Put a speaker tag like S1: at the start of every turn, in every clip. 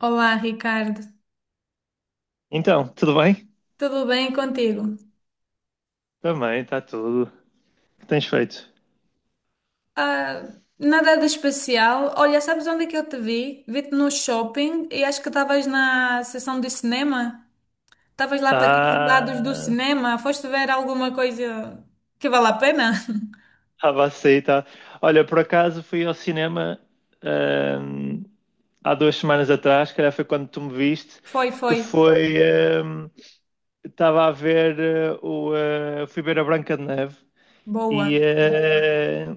S1: Olá, Ricardo.
S2: Então, tudo bem?
S1: Tudo bem contigo?
S2: Também, está tudo. O que tens feito?
S1: Ah, nada de especial. Olha, sabes onde é que eu te vi? Vi-te no shopping e acho que estavas na sessão de cinema. Estavas lá para aqueles lados do
S2: Ah,
S1: cinema. Foste ver alguma coisa que vale a pena?
S2: estava a sair, tá. Olha, por acaso fui ao cinema ahm, há duas semanas atrás, calhar foi quando tu me viste,
S1: Foi,
S2: que
S1: foi.
S2: foi. Estava a ver o. Fui ver a Branca de Neve
S1: Boa.
S2: e,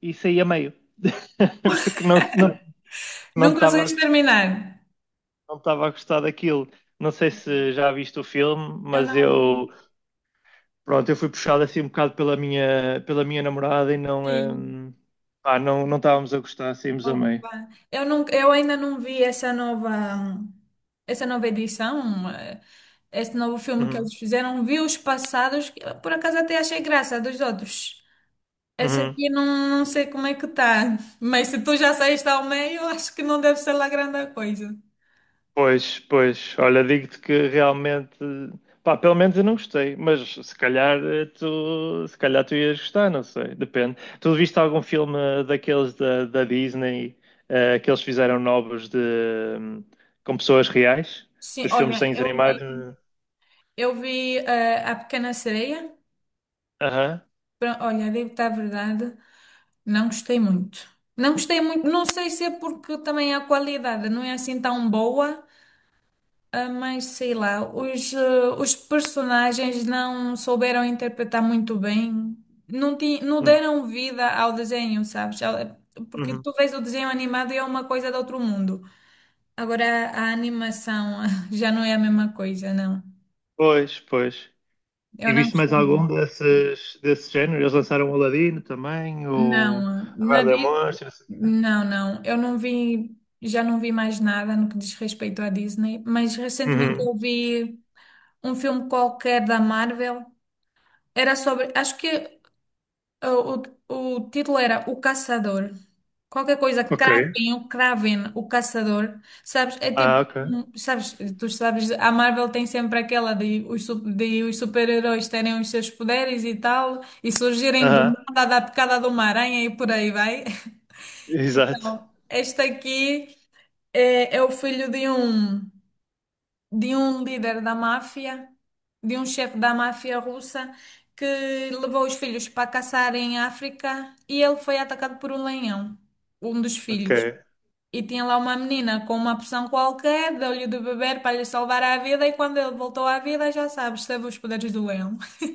S2: e saí a meio. Porque não
S1: Não
S2: estava
S1: conseguiste terminar?
S2: não estava a gostar daquilo. Não sei se já viste o filme,
S1: Eu
S2: mas
S1: não vi.
S2: eu. Pronto, eu fui puxado assim um bocado pela pela minha namorada e não,
S1: Sim.
S2: pá, não, não estávamos a gostar, saímos a meio.
S1: Opa, eu ainda não vi essa nova edição, esse novo filme que
S2: Uhum,
S1: eles fizeram. Vi os passados, que eu, por acaso, até achei graça dos outros. Essa
S2: uhum.
S1: aqui não, não sei como é que tá, mas se tu já saíste ao meio, eu acho que não deve ser lá grande coisa.
S2: Pois, pois, olha, digo-te que realmente, pá, pelo menos eu não gostei, mas se calhar tu, se calhar tu ias gostar, não sei, depende. Tu viste algum filme daqueles da Disney, que eles fizeram novos de, hum, com pessoas reais?
S1: Sim,
S2: Os filmes de
S1: olha,
S2: desenhos
S1: eu vi,
S2: animados?
S1: eu vi A Pequena Sereia.
S2: Aham.
S1: Olha, digo-te a verdade, não gostei muito. Não gostei muito, não sei se é porque também a qualidade não é assim tão boa. Ah, mas sei lá, os personagens não souberam interpretar muito bem, não
S2: Uhum,
S1: deram vida ao desenho, sabes? Porque
S2: uhum.
S1: tu vês o desenho animado e é uma coisa de outro mundo. Agora a animação já não é a mesma coisa, não.
S2: Pois, pois.
S1: Eu
S2: E
S1: não
S2: viste mais
S1: gostei.
S2: algum desses, desse género? Eles lançaram o Aladino também, o
S1: Não,
S2: a Bela e a
S1: Nadir,
S2: Monstro, não sei o quê.
S1: não, não. Eu não vi, já não vi mais nada no que diz respeito à Disney, mas recentemente
S2: Uhum.
S1: eu vi um filme qualquer da Marvel. Era sobre, acho que uh, o título era O Caçador. Qualquer coisa,
S2: Ok.
S1: Kraken, o Kraven, o Caçador. Sabes, é
S2: Ah,
S1: tipo,
S2: ok.
S1: tu sabes, a Marvel tem sempre aquela de os super-heróis terem os seus poderes e tal, e surgirem do
S2: Aham.
S1: nada da picada de uma aranha e por aí vai.
S2: Exato.
S1: Então, este aqui é o filho de um líder da máfia, de um chefe da máfia russa, que levou os filhos para caçar em África e ele foi atacado por um leão, um dos
S2: Ok.
S1: filhos. E tinha lá uma menina com uma poção qualquer, deu-lhe de beber para lhe salvar a vida, e quando ele voltou à vida, já sabes, teve os poderes do leão.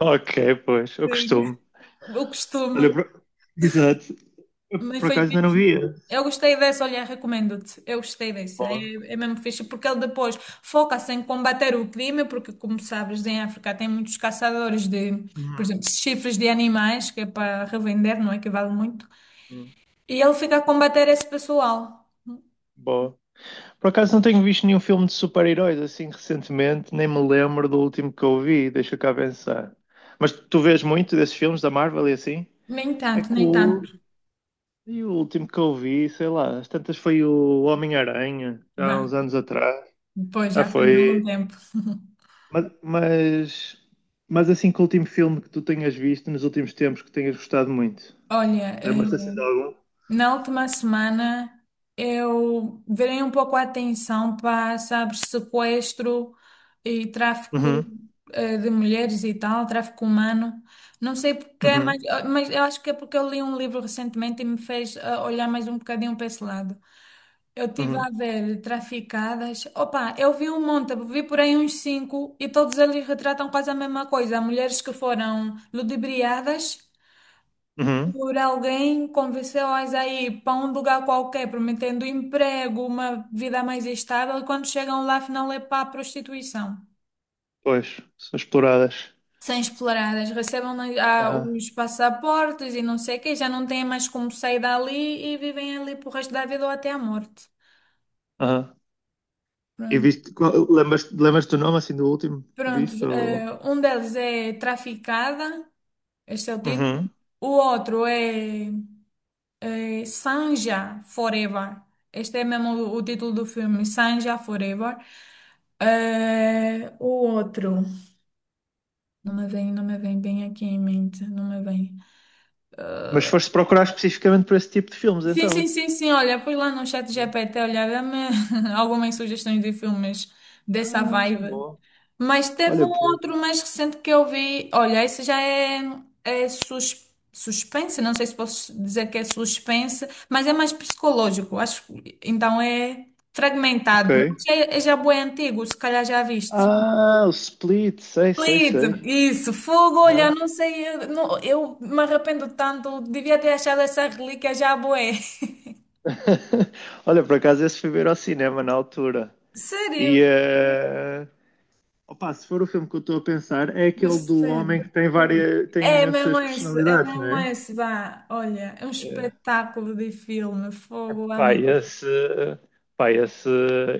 S2: Ok, pois, eu
S1: Sim.
S2: costumo.
S1: O
S2: Olha,
S1: costume.
S2: por- exato. Eu
S1: Mas
S2: por
S1: foi
S2: acaso ainda não
S1: fixe.
S2: via.
S1: Eu gostei dessa, olha, recomendo-te. Eu gostei dessa. É,
S2: Boa.
S1: é mesmo fixe, porque ele depois foca-se em combater o crime, porque, como sabes, em África tem muitos caçadores de, por
S2: Uhum.
S1: exemplo, chifres de animais, que é para revender, não é? Que vale muito.
S2: Uhum.
S1: E ele fica a combater esse pessoal.
S2: Boa. Por acaso não tenho visto nenhum filme de super-heróis assim recentemente, nem me lembro do último que eu vi, deixa cá pensar. Mas tu vês muito desses filmes da Marvel e assim?
S1: Nem
S2: É
S1: tanto, nem tanto.
S2: cool. E o último que eu vi, sei lá, às tantas foi o Homem-Aranha, há uns
S1: Bem,
S2: anos atrás.
S1: depois
S2: Ah,
S1: já faz algum
S2: foi.
S1: tempo.
S2: Mas, mas, mas assim, que o último filme que tu tenhas visto nos últimos tempos que tenhas gostado muito?
S1: Olha,
S2: Lembras-te assim de algum?
S1: na última semana, eu virei um pouco a atenção para, sabe, sequestro e tráfico
S2: Uhum,
S1: de mulheres e tal, tráfico humano. Não sei porquê,
S2: uhum,
S1: mas eu acho que é porque eu li um livro recentemente e me fez olhar mais um bocadinho para esse lado. Eu tive
S2: uhum,
S1: a ver traficadas. Opa, eu vi um monte, vi por aí uns cinco e todos eles retratam quase a mesma coisa. Mulheres que foram ludibriadas.
S2: uhum.
S1: Por alguém convenceu-as a ir para um lugar qualquer, prometendo emprego, uma vida mais estável, e quando chegam lá, afinal é para a prostituição.
S2: Pois, são exploradas.
S1: São exploradas, recebem
S2: Aham,
S1: os passaportes e não sei o quê, já não têm mais como sair dali e vivem ali pro resto da vida ou até a morte.
S2: aham. E
S1: Pronto.
S2: viste, qual- lembras-te do nome assim do último que
S1: Pronto,
S2: viste? Ou...
S1: um deles é traficada, este é o título.
S2: Uhum.
S1: O outro é Sanja Forever. Este é mesmo o título do filme, Sanja Forever. O outro, não me vem bem aqui em mente, não me vem.
S2: Mas foste procurar especificamente por esse tipo de filmes,
S1: Sim,
S2: então?
S1: sim, sim, sim. Olha, fui lá no chat GPT olhar, dá-me algumas sugestões de filmes dessa
S2: Ah,
S1: vibe.
S2: bom.
S1: Mas teve
S2: Olha,
S1: um
S2: pô.
S1: outro mais recente que eu vi. Olha, esse já é, é suspense, não sei se posso dizer que é suspense, mas é mais psicológico, acho. Então é
S2: Ok.
S1: fragmentado. Mas é já bué antigo, se calhar já viste.
S2: Ah, o Split, sei, sei,
S1: Split,
S2: sei.
S1: isso, fogo, olha,
S2: Hã?
S1: não sei, eu, não- eu me arrependo tanto, devia ter achado essa relíquia já bué.
S2: Olha, por acaso esse fui ver ao cinema na altura.
S1: Sério?
S2: E opa, se for o filme que eu estou a pensar, é aquele do homem
S1: Percebe?
S2: que tem várias, tem imensas
S1: É
S2: personalidades, não
S1: mesmo
S2: é?
S1: esse, vá. Olha, é um
S2: Eh,
S1: espetáculo de filme, fogo,
S2: Pá,
S1: amém.
S2: esse, pá, esse,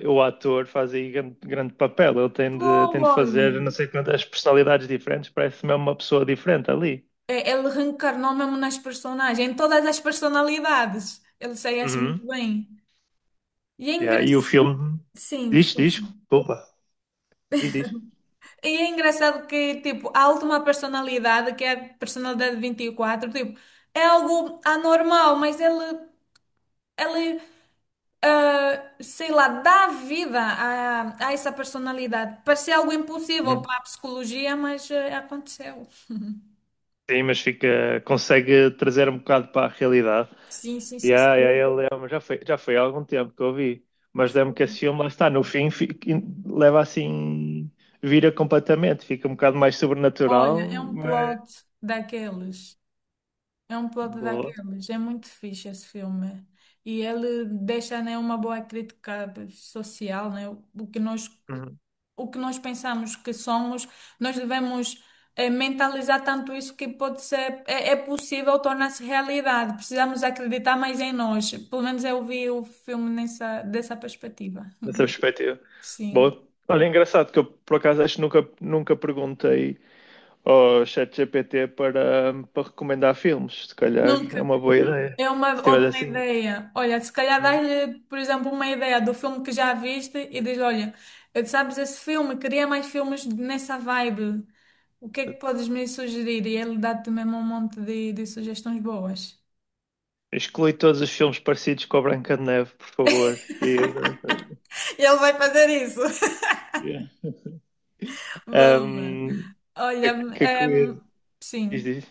S2: o ator faz aí grande, grande papel. Tem
S1: Fogo,
S2: de
S1: olha.
S2: fazer não sei quantas personalidades diferentes, parece mesmo uma pessoa diferente ali.
S1: É, ele reencarnou mesmo nas personagens, em todas as personalidades. Ele saía-se muito
S2: Uhum.
S1: bem. E é
S2: Yeah, e o
S1: engraçado.
S2: filme
S1: Sim, força.
S2: desculpa, diz, diz.
S1: E é engraçado que, tipo, a última personalidade, que é a personalidade 24, tipo, é algo anormal, mas ele sei lá, dá vida a essa personalidade. Parecia algo impossível
S2: Uhum.
S1: para a psicologia, mas aconteceu.
S2: Sim, mas fica, consegue trazer um bocado para a realidade.
S1: Sim, sim,
S2: E
S1: sim. Sim.
S2: aí yeah, yeah, já foi há algum tempo que eu vi, mas lembro que esse filme lá está, no fim fica, leva assim, vira completamente, fica um bocado mais
S1: Olha, é
S2: sobrenatural,
S1: um
S2: mas
S1: plot daqueles. É um plot
S2: boa,
S1: daqueles. É muito fixe esse filme. E ele deixa, né, uma boa crítica social, né? O que nós
S2: uhum.
S1: o que nós pensamos que somos, nós devemos mentalizar tanto isso que pode ser, é possível tornar-se realidade. Precisamos acreditar mais em nós. Pelo menos eu vi o filme nessa, dessa perspectiva.
S2: Nessa perspectiva.
S1: Sim.
S2: Boa. Olha, engraçado que eu por acaso acho que nunca perguntei ao ChatGPT para recomendar filmes, se calhar é
S1: Nunca.
S2: uma boa ideia.
S1: É uma
S2: Se tiver
S1: ótima
S2: assim.
S1: ideia. Olha, se calhar dás-lhe, por exemplo, uma ideia do filme que já viste e diz, olha, sabes esse filme, queria mais filmes nessa vibe. O que é que
S2: Hum.
S1: podes me sugerir? E ele dá-te mesmo um monte de sugestões boas.
S2: Exclui todos os filmes parecidos com a Branca de Neve, por favor. E,
S1: E ele vai fazer isso.
S2: yeah.
S1: Boa.
S2: um,
S1: Olha, ehm,
S2: que
S1: sim,
S2: diz.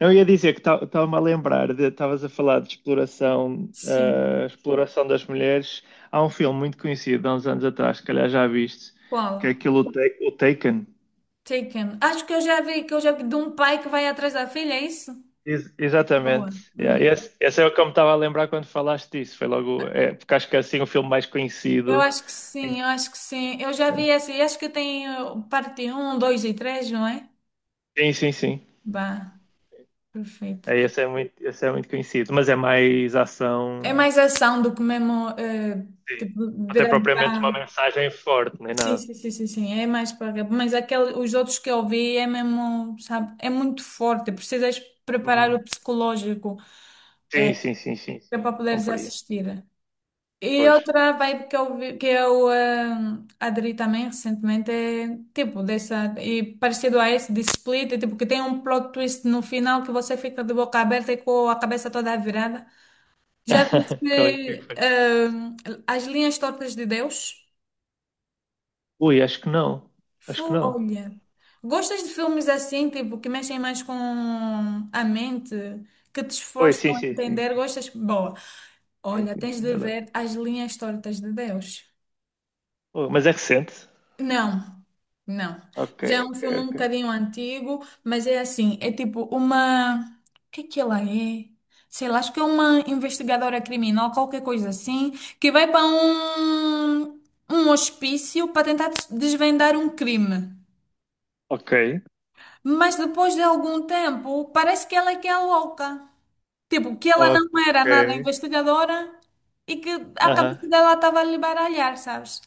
S2: Não, eu ia dizer que estava-me a lembrar, de- estavas a falar de exploração,
S1: sim.
S2: ah, exploração das mulheres. Há um filme muito conhecido, há uns anos atrás, se calhar já viste, que é
S1: Qual?
S2: aquilo, o Ta- o Taken.
S1: Taken. Acho que eu já vi, que eu já vi, de um pai que vai atrás da filha, é isso?
S2: Ex-
S1: Boa.
S2: exatamente. Yeah,
S1: Hum.
S2: esse é o que eu me estava a lembrar quando falaste disso. Foi logo, é, porque acho que é assim o filme mais
S1: Eu
S2: conhecido.
S1: acho que sim, eu acho que sim. Eu já vi essa, e acho que tem, eh, parte um, 2 e três, não é?
S2: Sim, sim, sim.
S1: Bah, perfeito.
S2: É, esse é muito conhecido, mas é mais
S1: É
S2: ação.
S1: mais ação do que mesmo, eh,
S2: Sim.
S1: tipo,
S2: Até
S1: virar.
S2: propriamente uma mensagem forte, nem
S1: Sim,
S2: nada.
S1: sim, sim, sim, sim, é mais para. Mas aquele, os outros que eu vi é mesmo, sabe, é muito forte. É precisas preparar
S2: Uhum.
S1: o psicológico
S2: Sim, sim, sim, sim,
S1: que é para
S2: sim.
S1: poderes
S2: Compraria.
S1: assistir. E
S2: Pois.
S1: outra vibe que eu aderi também recentemente é tipo dessa, e parecido a esse de Split, é, tipo que tem um plot twist no final que você fica de boca aberta e com a cabeça toda virada. Já
S2: Qual é que é
S1: viste
S2: foi?
S1: As Linhas Tortas de Deus?
S2: Ui, acho que não. Acho que não.
S1: Olha, gostas de filmes assim, tipo, que mexem mais com a mente, que te
S2: Ui, sim,
S1: esforçam a
S2: sim, sim.
S1: entender? Gostas? Boa.
S2: Sim,
S1: Olha,
S2: sim,
S1: tens
S2: sim.
S1: de
S2: Adoro.
S1: ver As Linhas Tortas de Deus.
S2: Ui, mas é recente.
S1: Não, não.
S2: Ok,
S1: Já é um filme um
S2: ok,
S1: bocadinho antigo, mas é assim, é tipo uma... O que é que ela é? Sei lá, acho que é uma investigadora criminal, qualquer coisa assim, que vai para um hospício para tentar desvendar um crime.
S2: ok.
S1: Mas depois de algum tempo, parece que ela é que é louca. Tipo, que ela não
S2: Ok.
S1: era nada
S2: Ok.
S1: investigadora e que a
S2: Aham.
S1: cabeça dela estava a lhe baralhar, sabes?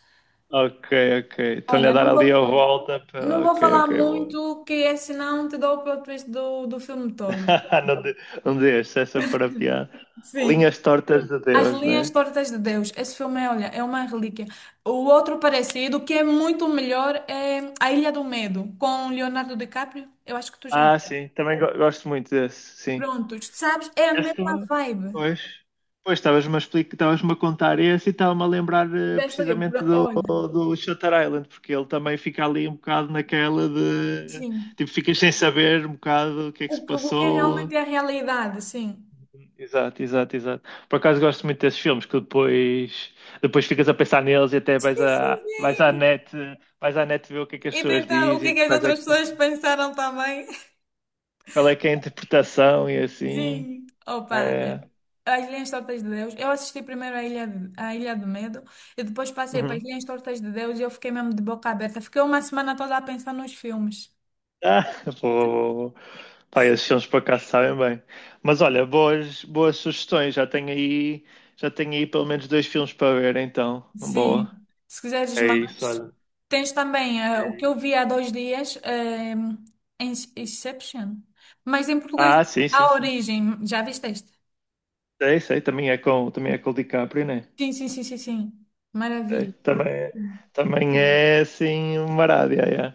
S2: Ok, ok. Estão-lhe a
S1: Olha,
S2: dar
S1: não vou,
S2: ali a volta.
S1: não
S2: Para...
S1: vou
S2: Ok,
S1: falar
S2: ok, bom.
S1: muito, que é senão te dou o plot twist do filme todo.
S2: Não, de, não deixe, se essa for a piada.
S1: Sim.
S2: Linhas tortas de
S1: As
S2: Deus, não
S1: Linhas
S2: é?
S1: Tortas de Deus. Esse filme, é, olha, é uma relíquia. O outro parecido, que é muito melhor, é A Ilha do Medo, com Leonardo DiCaprio. Eu acho que tu já.
S2: Ah, sim, também go- gosto muito desse, sim.
S1: Pronto, sabes? É a
S2: Esse
S1: mesma
S2: também.
S1: vibe.
S2: Pois, pois estavas-me a explicar, estavas-me a contar esse e estava-me a lembrar
S1: Desta aqui,
S2: precisamente
S1: Olha.
S2: do Shutter Island, porque ele também fica ali um bocado naquela de
S1: Sim.
S2: tipo, ficas sem saber um bocado o que é que
S1: O
S2: se
S1: que, o que é
S2: passou,
S1: realmente é a realidade, sim.
S2: exato, exato, exato. Por acaso gosto muito desses filmes depois ficas a pensar neles e até vais
S1: Sim, sim,
S2: vais
S1: sim.
S2: vais à net ver o que é que as
S1: E
S2: pessoas
S1: tentar o que é
S2: dizem,
S1: que as
S2: quais é
S1: outras
S2: que são-
S1: pessoas pensaram também.
S2: qual é que é a interpretação e assim.
S1: Sim. Opa,
S2: É.
S1: as Linhas Tortas de Deus. Eu assisti primeiro a Ilha, a Ilha do Medo e depois passei para as
S2: Uhum.
S1: Linhas Tortas de Deus e eu fiquei mesmo de boca aberta. Fiquei uma semana toda a pensar nos filmes.
S2: Ah, vou, pá, esses filmes por acaso sabem bem. Mas olha, boas, boas sugestões. Já tenho aí pelo menos dois filmes para ver, então.
S1: Sim.
S2: Boa.
S1: Se quiseres
S2: É
S1: mais,
S2: isso, olha.
S1: tens também o que eu vi há 2 dias, Inception. Mas em português,
S2: Ah, sim, sim,
S1: A
S2: sim. Sim.
S1: Origem. Já viste este?
S2: Sei, sei, também é com o DiCaprio, né?
S1: Sim, sim, sim, sim, sim.
S2: É,
S1: Maravilha.
S2: também, é- também é assim uma rádio, é.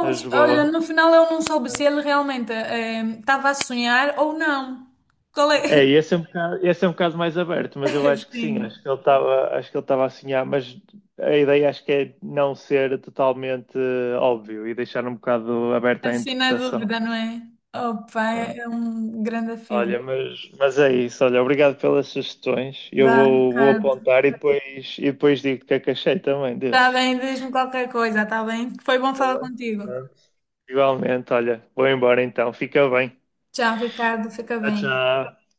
S2: Mas
S1: olha,
S2: boa.
S1: no final eu não soube se ele realmente estava a sonhar ou não. Qual
S2: É,
S1: é?
S2: e esse é um bocado mais aberto, mas eu acho que sim,
S1: Sim,
S2: acho que ele estava, acho que ele estava a sonhar, mas a ideia acho que é não ser totalmente óbvio e deixar um bocado aberto à
S1: assim na
S2: interpretação.
S1: dúvida, não é? Opa,
S2: Né?
S1: é um grande filme.
S2: Olha, mas é isso, olha, obrigado pelas sugestões. Eu
S1: Vá,
S2: vou, vou
S1: Ricardo.
S2: apontar e depois digo o que é que achei também
S1: Está
S2: desses.
S1: bem, diz-me qualquer coisa, está bem? Foi bom
S2: Tá
S1: falar
S2: bem?
S1: contigo.
S2: Pronto. Igualmente, olha, vou embora então, fica bem.
S1: Tchau, Ricardo, fica
S2: Tchau,
S1: bem.
S2: tchau.